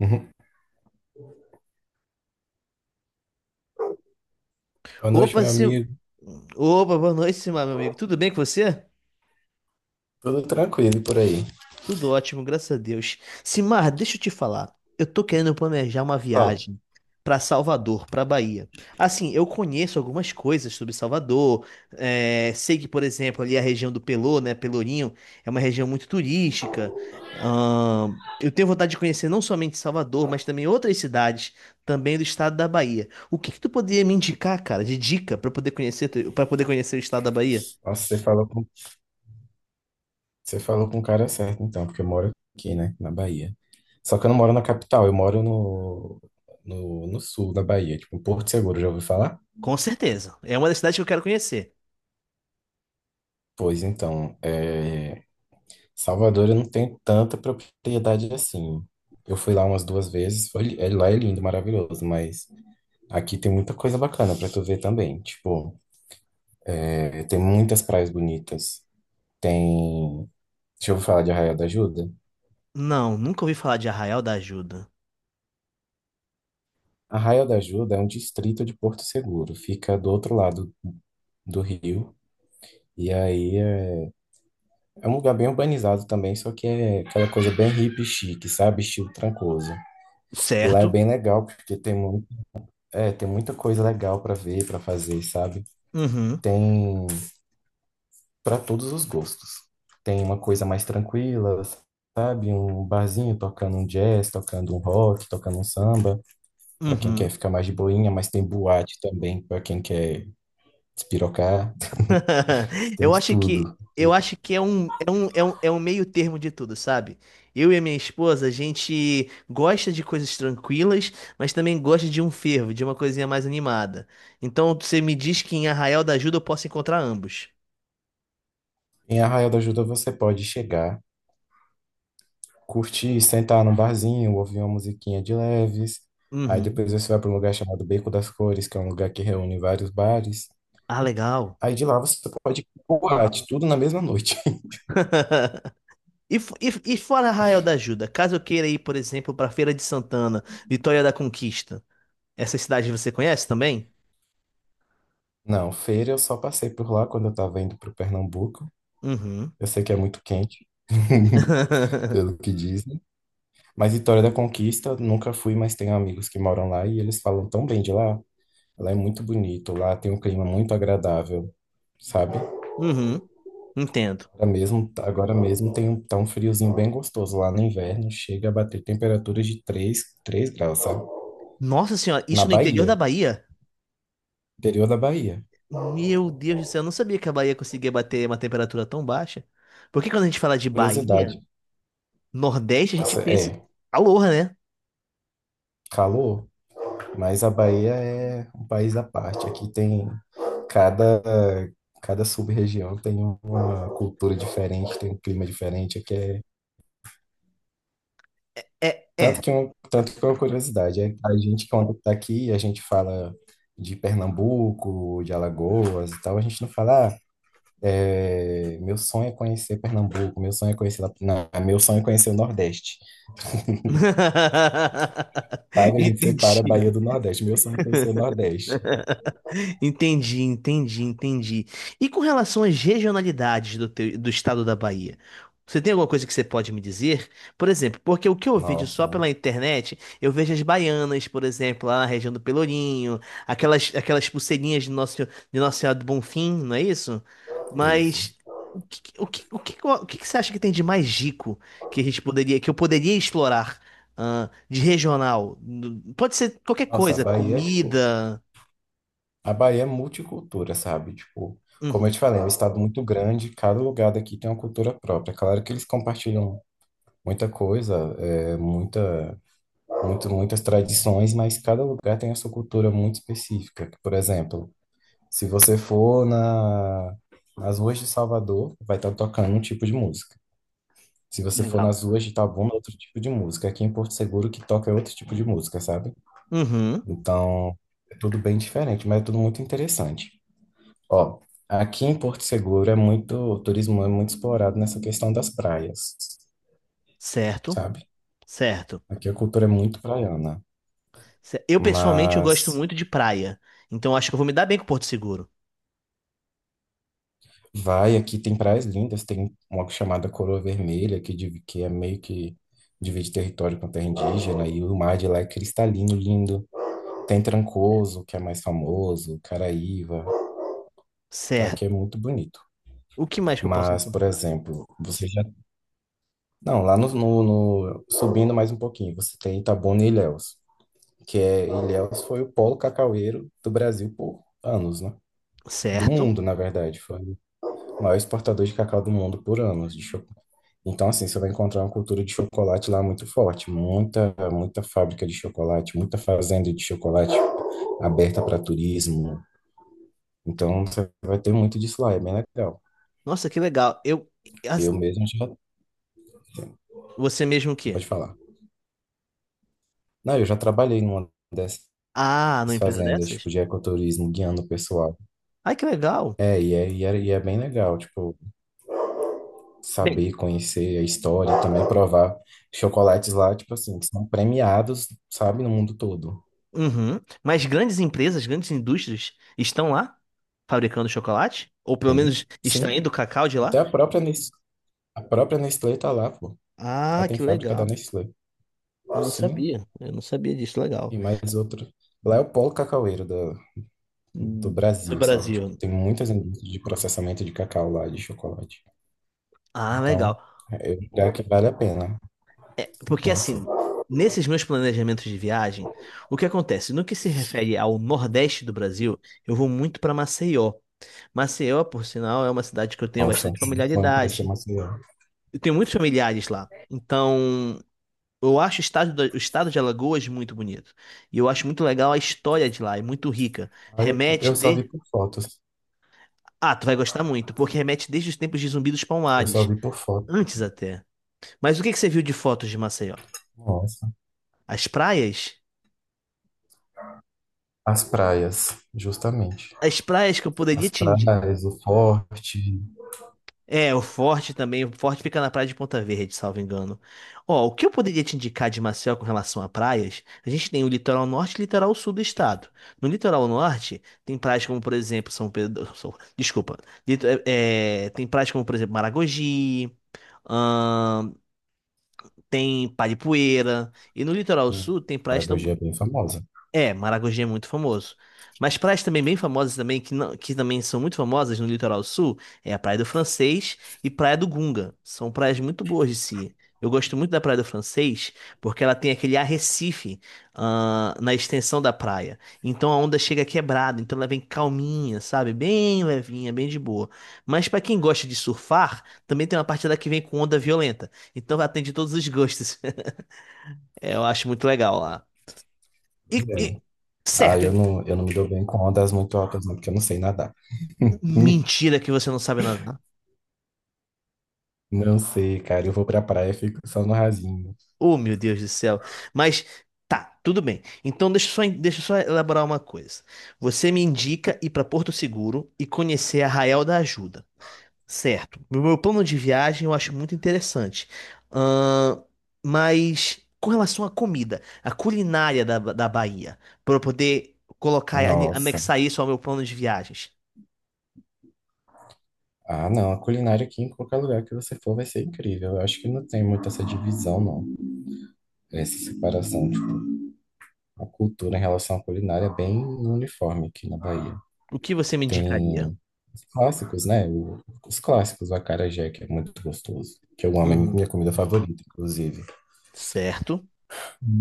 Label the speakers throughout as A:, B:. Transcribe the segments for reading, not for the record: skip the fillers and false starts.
A: Uhum. Boa noite,
B: Opa,
A: meu amigo.
B: Opa, boa noite, Simar, meu amigo. Tudo bem com você?
A: Tudo tranquilo por aí?
B: Tudo ótimo, graças a Deus. Simar, deixa eu te falar. Eu tô querendo planejar uma
A: Fala.
B: viagem pra Salvador, pra Bahia. Assim, eu conheço algumas coisas sobre Salvador. É, sei que, por exemplo, ali a região do Pelô, né, Pelourinho, é uma região muito turística. Eu tenho vontade de conhecer não somente Salvador, mas também outras cidades também do estado da Bahia. O que que tu poderia me indicar, cara, de dica pra eu poder para poder conhecer o estado da Bahia?
A: Nossa, você falou com o cara certo, então, porque eu moro aqui, né, na Bahia. Só que eu não moro na capital, eu moro no, no, no sul da Bahia, tipo, em Porto Seguro, já ouviu falar?
B: Com certeza. É uma das cidades que eu quero conhecer.
A: Pois então, é, Salvador eu não tenho tanta propriedade assim. Eu fui lá umas duas vezes, foi, é, lá é lindo, maravilhoso, mas aqui tem muita coisa bacana pra tu ver também. Tipo, é, tem muitas praias bonitas, tem... Deixa eu falar de Arraial da Ajuda.
B: Não, nunca ouvi falar de Arraial da Ajuda.
A: Arraial da Ajuda é um distrito de Porto Seguro, fica do outro lado do rio. E aí é, é um lugar bem urbanizado também, só que é aquela coisa bem hippie chique, sabe? Estilo Trancoso. E lá é
B: Certo.
A: bem legal, porque tem, muito, é, tem muita coisa legal para ver, para fazer, sabe?
B: Uhum.
A: Tem para todos os gostos. Tem uma coisa mais tranquila, sabe? Um barzinho tocando um jazz, tocando um rock, tocando um samba, para quem quer
B: Uhum.
A: ficar mais de boinha, mas tem boate também para quem quer despirocar. Tem
B: Eu
A: de
B: acho que
A: tudo.
B: eu acho que é um meio termo de tudo, sabe? Eu e a minha esposa, a gente gosta de coisas tranquilas, mas também gosta de um fervo, de uma coisinha mais animada. Então você me diz que em Arraial da Ajuda eu posso encontrar ambos.
A: Em Arraial da Ajuda você pode chegar, curtir, sentar num barzinho, ouvir uma musiquinha de leves. Aí
B: Uhum.
A: depois você vai para um lugar chamado Beco das Cores, que é um lugar que reúne vários bares.
B: Ah, legal.
A: Aí de lá você pode ir pro boate, tudo na mesma noite.
B: E fora Arraial da Ajuda, caso eu queira ir, por exemplo, para Feira de Santana, Vitória da Conquista, essas cidades você conhece também?
A: Não, feira eu só passei por lá quando eu tava indo pro Pernambuco.
B: Uhum.
A: Eu sei que é muito quente, pelo que dizem. Mas Vitória da Conquista, nunca fui, mas tenho amigos que moram lá e eles falam tão bem de lá. Lá é muito bonito, lá tem um clima muito agradável, sabe?
B: Uhum, entendo.
A: Agora mesmo tá um friozinho bem gostoso lá no inverno, chega a bater temperaturas de três graus, sabe?
B: Nossa senhora,
A: Na
B: isso no interior
A: Bahia,
B: da Bahia?
A: interior da Bahia.
B: Meu Deus do céu, eu não sabia que a Bahia conseguia bater uma temperatura tão baixa. Porque quando a gente fala de Bahia,
A: Curiosidade,
B: Nordeste, a gente pensa em
A: é
B: calor, né?
A: calor, mas a Bahia é um país à parte. Aqui tem cada, cada sub-região tem uma cultura diferente, tem um clima diferente. Aqui é,
B: É, é.
A: tanto que é uma curiosidade, é, a gente quando tá aqui, a gente fala de Pernambuco, de Alagoas e tal, a gente não fala. "Ah, é, meu sonho é conhecer Pernambuco, meu sonho é conhecer, não, meu sonho é conhecer o Nordeste, sabe? A gente separa a Bahia
B: Entendi.
A: do Nordeste, meu sonho é conhecer o Nordeste."
B: Entendi, entendi, entendi. E com relação às regionalidades do estado da Bahia, você tem alguma coisa que você pode me dizer? Por exemplo, porque o que eu vejo só
A: Nossa,
B: pela internet, eu vejo as baianas, por exemplo, lá na região do Pelourinho, aquelas, aquelas pulseirinhas de Nossa Senhora do Bonfim, não é isso?
A: isso.
B: Mas o que você acha que tem de mais rico que a gente que eu poderia explorar, de regional? Pode ser qualquer
A: Nossa, a
B: coisa,
A: Bahia, é, tipo,
B: comida.
A: a Bahia é multicultura, sabe? Tipo, como eu
B: Uhum,
A: te falei, é um estado muito grande, cada lugar daqui tem uma cultura própria. Claro que eles compartilham muita coisa, muitas tradições, mas cada lugar tem a sua cultura muito específica. Por exemplo, se você for nas ruas de Salvador, vai estar tocando um tipo de música. Se você for
B: legal.
A: nas ruas de Itabuna, é outro tipo de música. Aqui em Porto Seguro, o que toca é outro tipo de música, sabe?
B: Uhum,
A: Então, é tudo bem diferente, mas é tudo muito interessante. Ó, aqui em Porto Seguro é muito, o turismo é muito explorado nessa questão das praias,
B: certo,
A: sabe?
B: certo.
A: Aqui a cultura é muito praiana,
B: Eu pessoalmente eu
A: mas
B: gosto muito de praia, então acho que eu vou me dar bem com Porto Seguro.
A: vai, aqui tem praias lindas, tem uma chamada Coroa Vermelha, que, que é meio que divide território com terra indígena, e o mar de lá é cristalino, lindo. Tem Trancoso, que é mais famoso, Caraíva, tá? Aqui é
B: Certo.
A: muito bonito.
B: O que mais que eu posso
A: Mas, por
B: encontrar?
A: exemplo, você
B: C-
A: já... Não, lá no, no- no- subindo mais um pouquinho, você tem Itabuna e Ilhéus, que é... Ilhéus foi o polo cacaueiro do Brasil por anos, né? Do
B: Certo.
A: mundo, na verdade, foi o maior exportador de cacau do mundo por anos, de. Então, assim, você vai encontrar uma cultura de chocolate lá muito forte, muita, muita fábrica de chocolate, muita fazenda de chocolate aberta para turismo. Então, você vai ter muito disso lá, é bem legal.
B: Nossa, que legal. As-
A: Eu mesmo já,
B: Você mesmo o quê?
A: pode falar. Não, eu já trabalhei numa dessas
B: Ah, numa empresa
A: fazendas,
B: dessas?
A: tipo, de ecoturismo, guiando o pessoal.
B: Ai, que legal.
A: É bem legal, tipo,
B: Bem,
A: saber, conhecer a história, também provar chocolates lá, tipo assim, que são premiados, sabe, no mundo todo.
B: uhum. Mas grandes empresas, grandes indústrias estão lá fabricando chocolate? Ou pelo
A: Sim,
B: menos
A: sim,
B: extraindo o cacau de
A: até
B: lá?
A: a própria Nestlé. A própria Nestlé tá lá, pô. Lá
B: Ah,
A: tem
B: que
A: fábrica da
B: legal.
A: Nestlé.
B: Eu não
A: Sim,
B: sabia. Eu não sabia disso. Legal.
A: e mais outra. Lá é o polo cacaueiro do
B: Hum, Do
A: Brasil, sabe? Tipo,
B: Brasil.
A: tem muitas indústrias de processamento de cacau lá, de chocolate.
B: Ah,
A: Então,
B: legal.
A: é um lugar que vale a pena
B: É, porque
A: conhecer.
B: assim, nesses meus planejamentos de viagem, o que acontece? No que se refere ao Nordeste do Brasil, eu vou muito para Maceió. Maceió, por sinal, é uma cidade que eu tenho
A: Nossa, é um
B: bastante
A: sonho conhecer
B: familiaridade.
A: Maceió.
B: Eu tenho muitos familiares lá. Então, eu acho o o estado de Alagoas muito bonito. E eu acho muito legal a história de lá, é muito rica. Remete
A: Eu só vi
B: de.
A: por fotos.
B: Ah, tu vai gostar muito, porque remete desde os tempos de Zumbi dos
A: Eu só
B: Palmares.
A: vi por fotos.
B: Antes até. Mas o que que você viu de fotos de Maceió?
A: Nossa.
B: As praias?
A: As praias, justamente.
B: As praias que eu poderia
A: As
B: te indicar.
A: praias, o forte.
B: É, o Forte também. O Forte fica na praia de Ponta Verde, salvo engano. Ó, o que eu poderia te indicar de Maceió com relação a praias? A gente tem o litoral norte e o litoral sul do estado. No litoral norte, tem praias como, por exemplo, São Pedro. Desculpa. Tem praias como, por exemplo, Maragogi. ahn, Tem Paripueira. E no litoral
A: Hum,
B: sul, tem
A: Maragogi é bem famosa.
B: É, Maragogi é muito famoso. Mas praias também bem famosas também, que, não, que também são muito famosas no litoral sul, é a Praia do Francês e Praia do Gunga. São praias muito boas de se ir. Eu gosto muito da Praia do Francês porque ela tem aquele arrecife, na extensão da praia. Então a onda chega quebrada, então ela vem calminha, sabe? Bem levinha, bem de boa. Mas pra quem gosta de surfar, também tem uma parte lá que vem com onda violenta. Então atende todos os gostos. É, eu acho muito legal lá. E,
A: Pois é.
B: e-
A: Ah,
B: Certo.
A: eu não me dou bem com ondas muito altas, não, porque eu não sei nadar. Hum,
B: Mentira que você não sabe nadar.
A: Não sei, cara. Eu vou pra praia e fico só no rasinho.
B: Oh, meu Deus do céu. Mas tá, tudo bem. Então deixa eu só elaborar uma coisa. Você me indica ir para Porto Seguro e conhecer Arraial da Ajuda, certo? No meu plano de viagem eu acho muito interessante. Ahn, mas com relação à comida, a culinária da Bahia, para eu poder
A: Nossa.
B: anexar isso ao meu plano de viagens,
A: Ah, não. A culinária aqui em qualquer lugar que você for vai ser incrível. Eu acho que não tem muito essa divisão, não. Essa separação. Tipo, a cultura em relação à culinária é bem uniforme aqui na Bahia.
B: o que você me indicaria?
A: Tem os clássicos, né? Os clássicos, o acarajé, que é muito gostoso. Que eu amo, é
B: Uhum,
A: minha comida favorita, inclusive.
B: certo.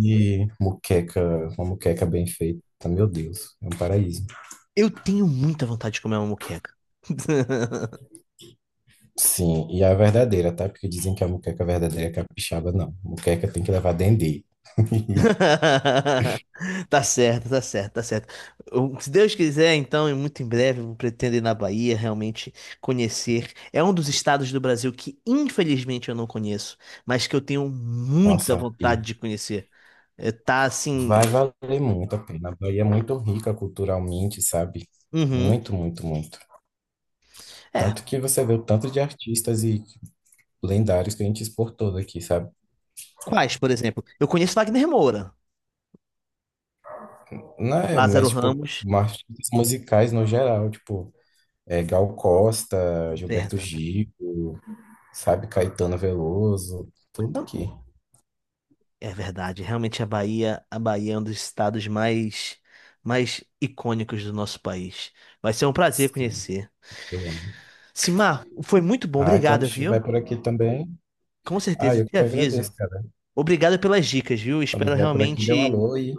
A: E muqueca, uma muqueca bem feita. Meu Deus, é um paraíso.
B: Eu tenho muita vontade de comer uma moqueca.
A: Sim, e a verdadeira, tá? Porque dizem que a moqueca verdadeira é capixaba, não. Moqueca tem que levar dendê.
B: Tá certo, tá certo, tá certo. Se Deus quiser, então, e muito em breve, eu pretendo ir na Bahia realmente conhecer. É um dos estados do Brasil que, infelizmente, eu não conheço, mas que eu tenho muita
A: Nossa,
B: vontade
A: e
B: de conhecer. É, tá
A: vai
B: assim.
A: valer muito a pena. A Bahia é muito rica culturalmente, sabe?
B: Uhum.
A: Muito, muito, muito.
B: É.
A: Tanto que você vê o tanto de artistas e lendários que a gente exportou daqui, sabe?
B: Quais, por exemplo? Eu conheço Wagner Moura,
A: Não é,
B: Lázaro
A: mas, tipo,
B: Ramos.
A: artistas musicais no geral, tipo, é, Gal Costa, Gilberto
B: Verdade.
A: Gil, sabe? Caetano Veloso, tudo aqui.
B: É verdade, realmente a Bahia é um dos estados mais icônicos do nosso país. Vai ser um prazer
A: Sim,
B: conhecer.
A: eu amo.
B: Simar, foi muito bom,
A: Ai, quando
B: obrigado,
A: estiver
B: viu?
A: por aqui também,
B: Com certeza,
A: ai, eu
B: te
A: que agradeço,
B: aviso.
A: cara.
B: Obrigado pelas dicas, viu?
A: Quando
B: Espero
A: vier por aqui, dê um
B: realmente.
A: alô e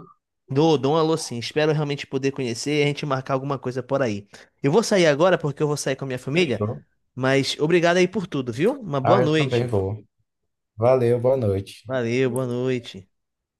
B: Dou, dou um alô sim. Espero realmente poder conhecer e a gente marcar alguma coisa por aí. Eu vou sair agora porque eu vou sair com a minha família,
A: fechou.
B: mas obrigado aí por tudo, viu? Uma boa
A: Ah, eu também
B: noite.
A: vou. Valeu, boa noite.
B: Valeu, boa noite.